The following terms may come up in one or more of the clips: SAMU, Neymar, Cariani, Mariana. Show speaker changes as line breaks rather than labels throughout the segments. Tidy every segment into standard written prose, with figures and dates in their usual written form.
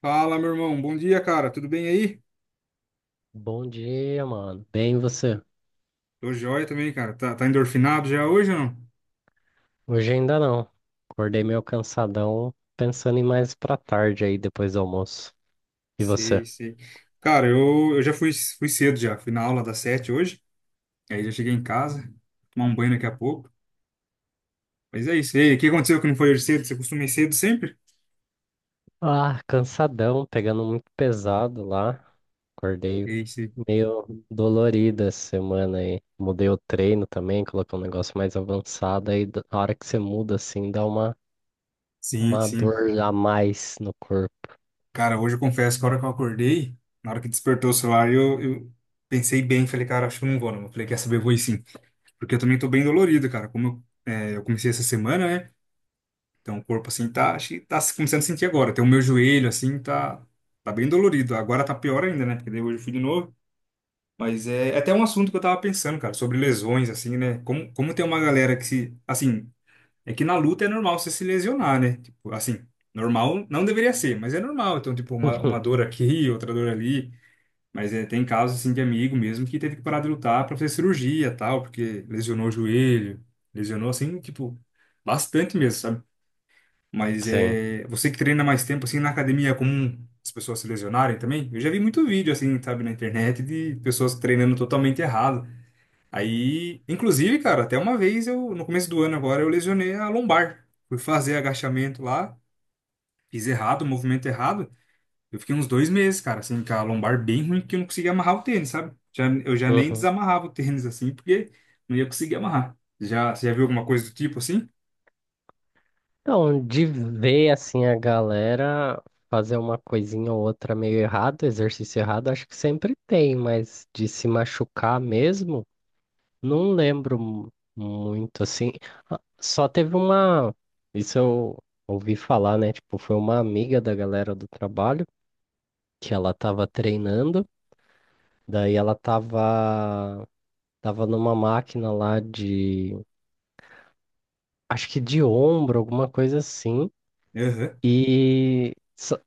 Fala, meu irmão. Bom dia, cara. Tudo bem aí?
Bom dia, mano. Bem, e você?
Tô joia também, cara. Tá, endorfinado já hoje ou não?
Hoje ainda não. Acordei meio cansadão, pensando em mais pra tarde aí, depois do almoço. E você?
Sei, sei. Cara, eu já fui cedo já. Fui na aula das 7 hoje. Aí já cheguei em casa. Tomar um banho daqui a pouco. Mas é isso. E aí, o que aconteceu que não foi hoje cedo? Você costuma ir cedo sempre?
Ah, cansadão, pegando muito pesado lá. Acordei
É isso.
meio dolorido essa semana aí. Mudei o treino também, coloquei um negócio mais avançado. Aí, na hora que você muda assim, dá
Sim,
uma
sim.
dor a mais no corpo.
Cara, hoje eu confesso que a hora que eu acordei, na hora que despertou o celular, eu pensei bem. Falei, cara, acho que eu não vou, não. Eu falei, quer saber, eu vou ir sim. Porque eu também tô bem dolorido, cara. Como eu comecei essa semana, né? Então, o corpo, assim, tá, acho que tá começando a sentir agora. Tem o meu joelho, assim, tá bem dolorido. Agora tá pior ainda, né? Porque daí hoje eu fui de novo. Mas é até um assunto que eu tava pensando, cara, sobre lesões, assim, né? Como tem uma galera que se, assim, é que na luta é normal você se lesionar, né? Tipo, assim, normal não deveria ser, mas é normal. Então, tipo, uma dor aqui, outra dor ali. Mas é, tem casos, assim, de amigo mesmo que teve que parar de lutar pra fazer cirurgia, tal, porque lesionou o joelho, lesionou, assim, tipo, bastante mesmo, sabe? Mas
Sim.
é você que treina mais tempo assim na academia, é comum as pessoas se lesionarem também? Eu já vi muito vídeo assim, sabe, na internet, de pessoas treinando totalmente errado. Aí, inclusive, cara, até uma vez, eu no começo do ano agora, eu lesionei a lombar. Fui fazer agachamento lá, fiz errado, o movimento errado. Eu fiquei uns 2 meses, cara, assim, com a lombar bem ruim, porque eu não conseguia amarrar o tênis, sabe? Eu já nem
Uhum.
desamarrava o tênis assim, porque não ia conseguir amarrar. Você já viu alguma coisa do tipo assim?
Então, de ver assim a galera fazer uma coisinha ou outra meio errado, exercício errado, acho que sempre tem, mas de se machucar mesmo, não lembro muito assim. Ah, só teve uma, isso eu ouvi falar, né? Tipo, foi uma amiga da galera do trabalho que ela tava treinando, daí ela tava numa máquina lá de, acho que de ombro, alguma coisa assim.
Aham.
E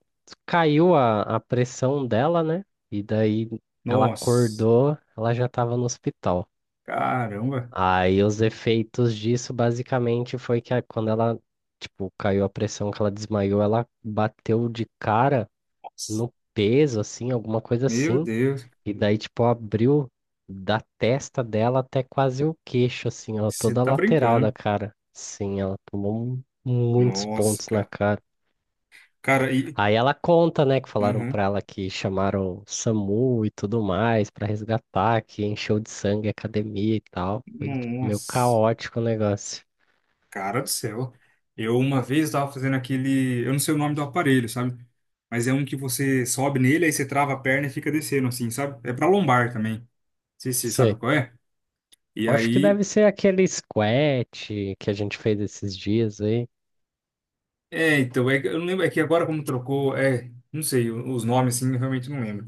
caiu a pressão dela, né? E daí ela
Nossa,
acordou, ela já estava no hospital.
caramba.
Aí os efeitos disso basicamente foi que quando ela, tipo, caiu a pressão que ela desmaiou, ela bateu de cara no peso, assim, alguma coisa
Meu
assim.
Deus,
E daí, tipo, abriu da testa dela até quase o queixo, assim, ó,
você
toda a
tá
lateral da
brincando.
cara. Sim, ela tomou muitos
Nossa,
pontos na
cara.
cara.
Cara, e.
Aí ela conta, né, que falaram
Aham.
pra ela que chamaram o SAMU e tudo mais pra resgatar, que encheu de sangue a academia e tal. Foi tipo, meio
Nossa,
caótico o negócio.
cara do céu. Eu uma vez estava fazendo aquele. Eu não sei o nome do aparelho, sabe? Mas é um que você sobe nele, aí você trava a perna e fica descendo, assim, sabe? É pra lombar também. Não sei se você sabe
Sei.
qual é. E
Acho que
aí.
deve ser aquele squat que a gente fez esses dias aí.
É, então, eu não lembro. É que agora como trocou. É. Não sei, os nomes, assim, eu realmente não lembro.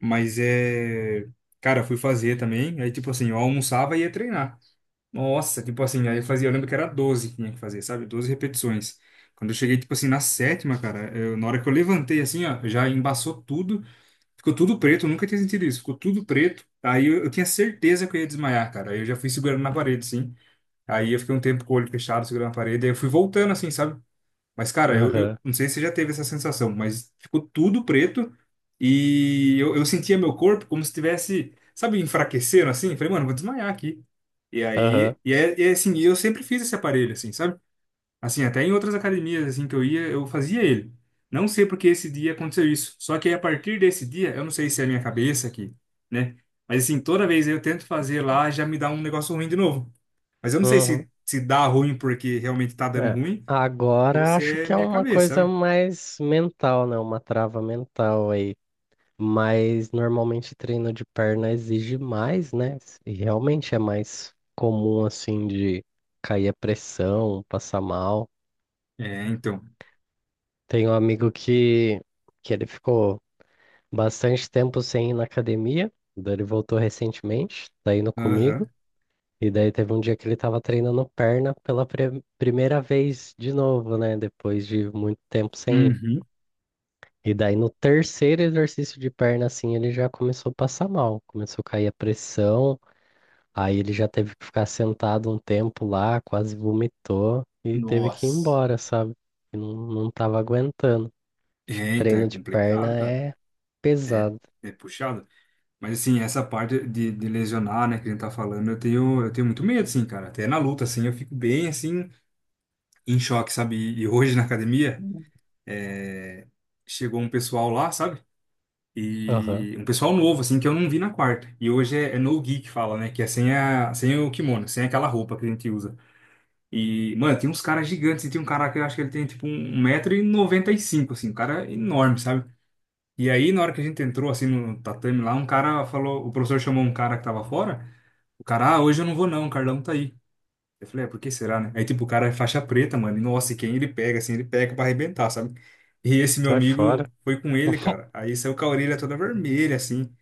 Mas é. Cara, eu fui fazer também. Aí, tipo assim, eu almoçava e ia treinar. Nossa, tipo assim, aí eu fazia, eu lembro que era 12 que tinha que fazer, sabe? 12 repetições. Quando eu cheguei, tipo assim, na sétima, cara, na hora que eu levantei, assim, ó, já embaçou tudo, ficou tudo preto, eu nunca tinha sentido isso, ficou tudo preto. Aí eu tinha certeza que eu ia desmaiar, cara. Aí eu já fui segurando na parede, assim. Aí eu fiquei um tempo com o olho fechado, segurando na parede, aí eu fui voltando, assim, sabe? Mas, cara, eu,
Aham,
eu não sei se você já teve essa sensação, mas ficou tudo preto e eu sentia meu corpo como se estivesse, sabe, enfraquecendo assim. Falei, mano, vou desmaiar aqui. E
aham,
aí, e é assim, eu sempre fiz esse aparelho, assim, sabe? Assim, até em outras academias, assim, que eu ia, eu fazia ele. Não sei porque esse dia aconteceu isso. Só que aí, a partir desse dia, eu não sei se é a minha cabeça aqui, né? Mas, assim, toda vez eu tento fazer lá, já me dá um negócio ruim de novo. Mas eu não sei
uhum.
se dá ruim porque realmente tá dando
É.
ruim ou
Agora
se
acho
é
que é
minha
uma
cabeça,
coisa
sabe?
mais mental, né? Uma trava mental aí. Mas normalmente treino de perna exige mais, né? E realmente é mais comum assim de cair a pressão, passar mal.
É, então.
Tem um amigo que ele ficou bastante tempo sem ir na academia, daí ele voltou recentemente, tá indo comigo.
Aham.
E daí teve um dia que ele tava treinando perna pela primeira vez de novo, né? Depois de muito tempo sem ir.
Uhum.
E daí no terceiro exercício de perna, assim, ele já começou a passar mal, começou a cair a pressão. Aí ele já teve que ficar sentado um tempo lá, quase vomitou e teve que ir
Nossa.
embora, sabe? E não, não tava aguentando. Acho que
É, então
treino
é
de
complicado,
perna
cara.
é
É,
pesado.
é puxado. Mas assim, essa parte de lesionar, né, que a gente tá falando, eu tenho muito medo, assim, cara. Até na luta, assim, eu fico bem, assim, em choque, sabe? E hoje na academia,
Hum.
é, chegou um pessoal lá, sabe?
Aham.
E um pessoal novo, assim, que eu não vi na quarta. E hoje é no gi que fala, né? Que é sem o kimono, sem aquela roupa que a gente usa. E, mano, tem uns caras gigantes. E tem um cara que eu acho que ele tem, tipo, um metro e noventa e cinco assim. Um cara enorme, sabe? E aí, na hora que a gente entrou, assim, no tatame lá, um cara falou. O professor chamou um cara que tava fora. O cara, ah, hoje eu não vou não, o Carlão tá aí. Eu falei, por que será, né? Aí, tipo, o cara é faixa preta, mano. E, nossa, e quem ele pega, assim, ele pega pra arrebentar, sabe? E esse meu
Sai fora.
amigo foi com ele, cara. Aí saiu com a orelha toda vermelha, assim.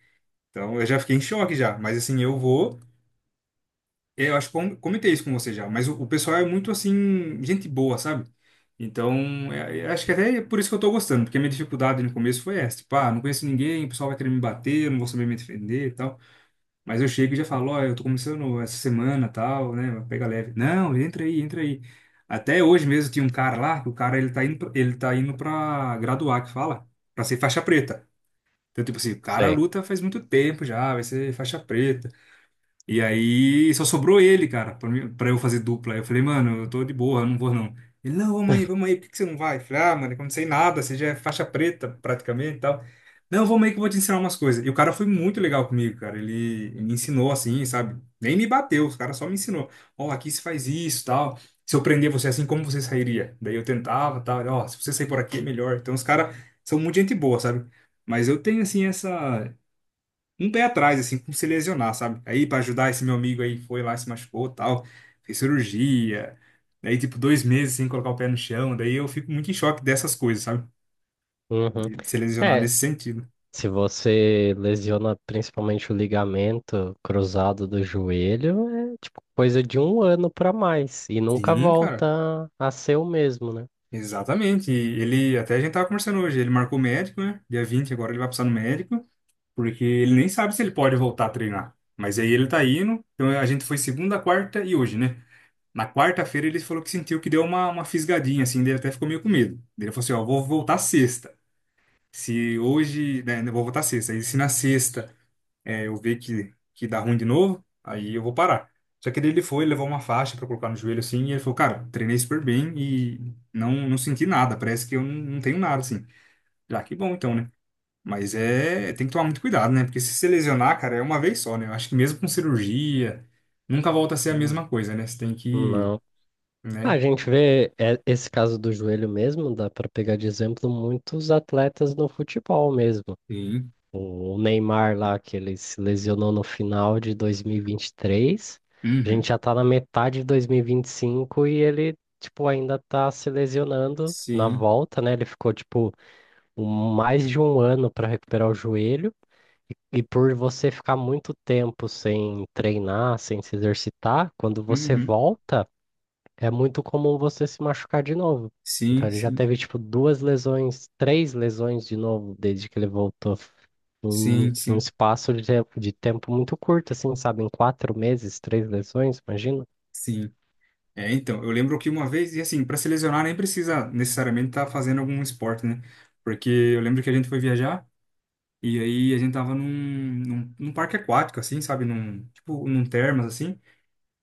Então, eu já fiquei em choque já. Mas, assim, eu vou. Eu acho que comentei isso com você já, mas o pessoal é muito assim, gente boa, sabe? Então, acho que até é por isso que eu tô gostando, porque a minha dificuldade no começo foi essa, tipo, ah, não conheço ninguém, o pessoal vai querer me bater, eu não vou saber me defender e tal. Mas eu chego e já falo, ó, eu tô começando essa semana, tal, né? Pega leve. Não, entra aí, entra aí. Até hoje mesmo tinha um cara lá, que o cara ele tá indo, ele tá indo pra graduar, que fala, pra ser faixa preta. Então, tipo assim, o cara
Sei.
luta faz muito tempo já, vai ser faixa preta. E aí só sobrou ele, cara, pra eu fazer dupla. Aí eu falei, mano, eu tô de boa, eu não vou não. Ele, não, vamos aí, por que que você não vai? Eu falei, ah, mano, eu não sei nada, você já é faixa preta praticamente e tal. Não, vamos aí que eu vou te ensinar umas coisas. E o cara foi muito legal comigo, cara. Ele me ensinou assim, sabe? Nem me bateu, o cara só me ensinou. Ó, aqui se faz isso, tal. Se eu prender você assim, como você sairia? Daí eu tentava, tal. Ele, ó, se você sair por aqui é melhor. Então os caras são muito gente boa, sabe? Mas eu tenho assim essa, um pé atrás, assim, com se lesionar, sabe? Aí, pra ajudar esse meu amigo aí, foi lá, se machucou, tal, fez cirurgia. Daí, tipo, 2 meses sem colocar o pé no chão. Daí eu fico muito em choque dessas coisas, sabe?
Uhum.
De se lesionar
É,
nesse sentido.
se você lesiona principalmente o ligamento cruzado do joelho, é tipo coisa de um ano pra mais e nunca
Sim, cara.
volta a ser o mesmo, né?
Exatamente. E ele, até a gente tava conversando hoje, ele marcou médico, né? Dia 20, agora ele vai passar no médico, porque ele nem sabe se ele pode voltar a treinar. Mas aí ele tá indo. Então a gente foi segunda, quarta e hoje, né? Na quarta-feira ele falou que sentiu que deu uma fisgadinha, assim, dele, até ficou meio com medo. Daí ele falou assim, ó, vou voltar sexta. Se hoje, né, eu vou voltar sexta. E se na sexta eu ver que dá ruim de novo, aí eu vou parar. Só que daí ele foi, levou uma faixa pra colocar no joelho, assim, e ele falou, cara, treinei super bem e não senti nada, parece que eu não tenho nada, assim. Já que bom, então, né? Mas é, tem que tomar muito cuidado, né? Porque se você lesionar, cara, é uma vez só, né? Eu acho que mesmo com cirurgia, nunca volta a ser a mesma coisa, né? Você tem que,
Não,
né?
a gente vê é, esse caso do joelho mesmo, dá para pegar de exemplo muitos atletas no futebol mesmo.
Sim.
O Neymar lá, que ele se lesionou no final de dois mil e vinte e três, a gente
Uhum.
já tá na metade de 2025 e vinte e cinco e ele, tipo, ainda tá se lesionando na
Sim.
volta, né? Ele ficou, tipo, um- mais de um ano para recuperar o joelho. E por você ficar muito tempo sem treinar, sem se exercitar, quando você
Uhum.
volta é muito comum você se machucar de novo. Então
Sim,
ele já
sim.
teve tipo duas lesões, três lesões de novo desde que ele voltou. Em um
Sim,
um
sim,
espaço de tempo muito curto, assim, sabe? Em 4 meses, três lesões, imagina?
sim. É, então, eu lembro que uma vez, e assim, para se lesionar nem precisa necessariamente estar fazendo algum esporte, né? Porque eu lembro que a gente foi viajar e aí a gente tava num parque aquático, assim, sabe? Tipo, num termas, assim.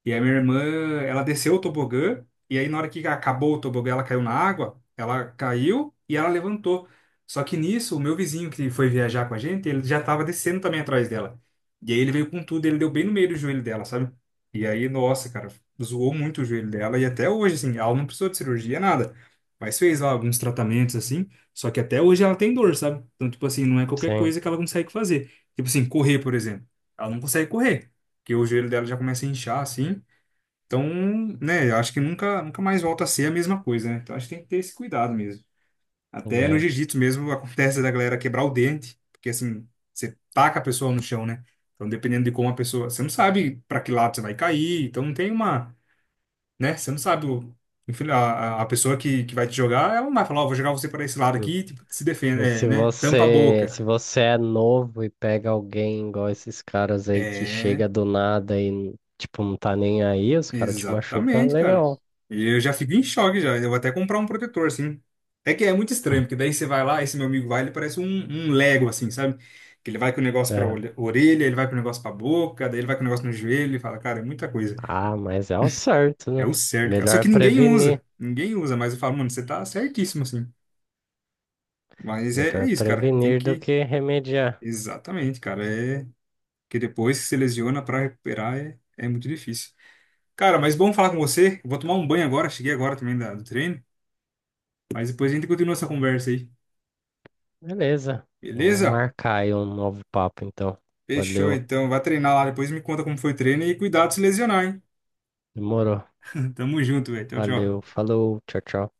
E a minha irmã, ela desceu o tobogã, e aí na hora que acabou o tobogã, ela caiu na água, ela caiu e ela levantou. Só que nisso, o meu vizinho que foi viajar com a gente, ele já estava descendo também atrás dela. E aí ele veio com tudo, ele deu bem no meio do joelho dela, sabe? E aí, nossa, cara, zoou muito o joelho dela, e até hoje, assim, ela não precisou de cirurgia, nada. Mas fez lá alguns tratamentos, assim, só que até hoje ela tem dor, sabe? Então, tipo assim, não é qualquer
Sim,
coisa que ela consegue fazer. Tipo assim, correr, por exemplo. Ela não consegue correr, porque o joelho dela já começa a inchar, assim. Então, né, eu acho que nunca, nunca mais volta a ser a mesma coisa, né? Então, acho que tem que ter esse cuidado mesmo. Até no
né?
jiu-jitsu mesmo acontece da galera quebrar o dente, porque assim, você taca a pessoa no chão, né? Então, dependendo de como a pessoa. Você não sabe para que lado você vai cair, então não tem uma. Né? Você não sabe. Enfim, A pessoa que vai te jogar, ela não vai falar, ó, vou jogar você para esse lado
Hum.
aqui, tipo, se defenda,
E
é,
se
né? Tampa a
você, se
boca.
você é novo e pega alguém igual esses caras aí que
É,
chega do nada e, tipo, não tá nem aí, os caras te machucam,
exatamente, cara.
legal.
E eu já fico em choque já. Eu vou até comprar um protetor, assim. É que é muito estranho, porque daí você vai lá, esse meu amigo vai, ele parece um Lego, assim, sabe? Que ele vai com o negócio pra
É.
orelha, ele vai com o negócio pra boca, daí ele vai com o negócio no joelho, ele fala, cara, é muita coisa.
Ah, mas é o certo,
É
né?
o certo, cara. Só
Melhor
que ninguém
prevenir.
usa. Ninguém usa, mas eu falo, mano, você tá certíssimo, assim. Mas é,
Melhor
isso, cara. Tem
prevenir do
que.
que remediar.
Exatamente, cara. É que depois que se lesiona pra recuperar é muito difícil. Cara, mas bom falar com você. Eu vou tomar um banho agora, cheguei agora também do treino. Mas depois a gente continua essa conversa aí.
Beleza. Vamos
Beleza?
marcar aí um novo papo, então.
Fechou,
Valeu.
então. Vai treinar lá. Depois me conta como foi o treino e cuidado de se lesionar, hein?
Demorou.
Tamo junto, velho. Tchau,
Valeu.
tchau.
Falou. Tchau, tchau.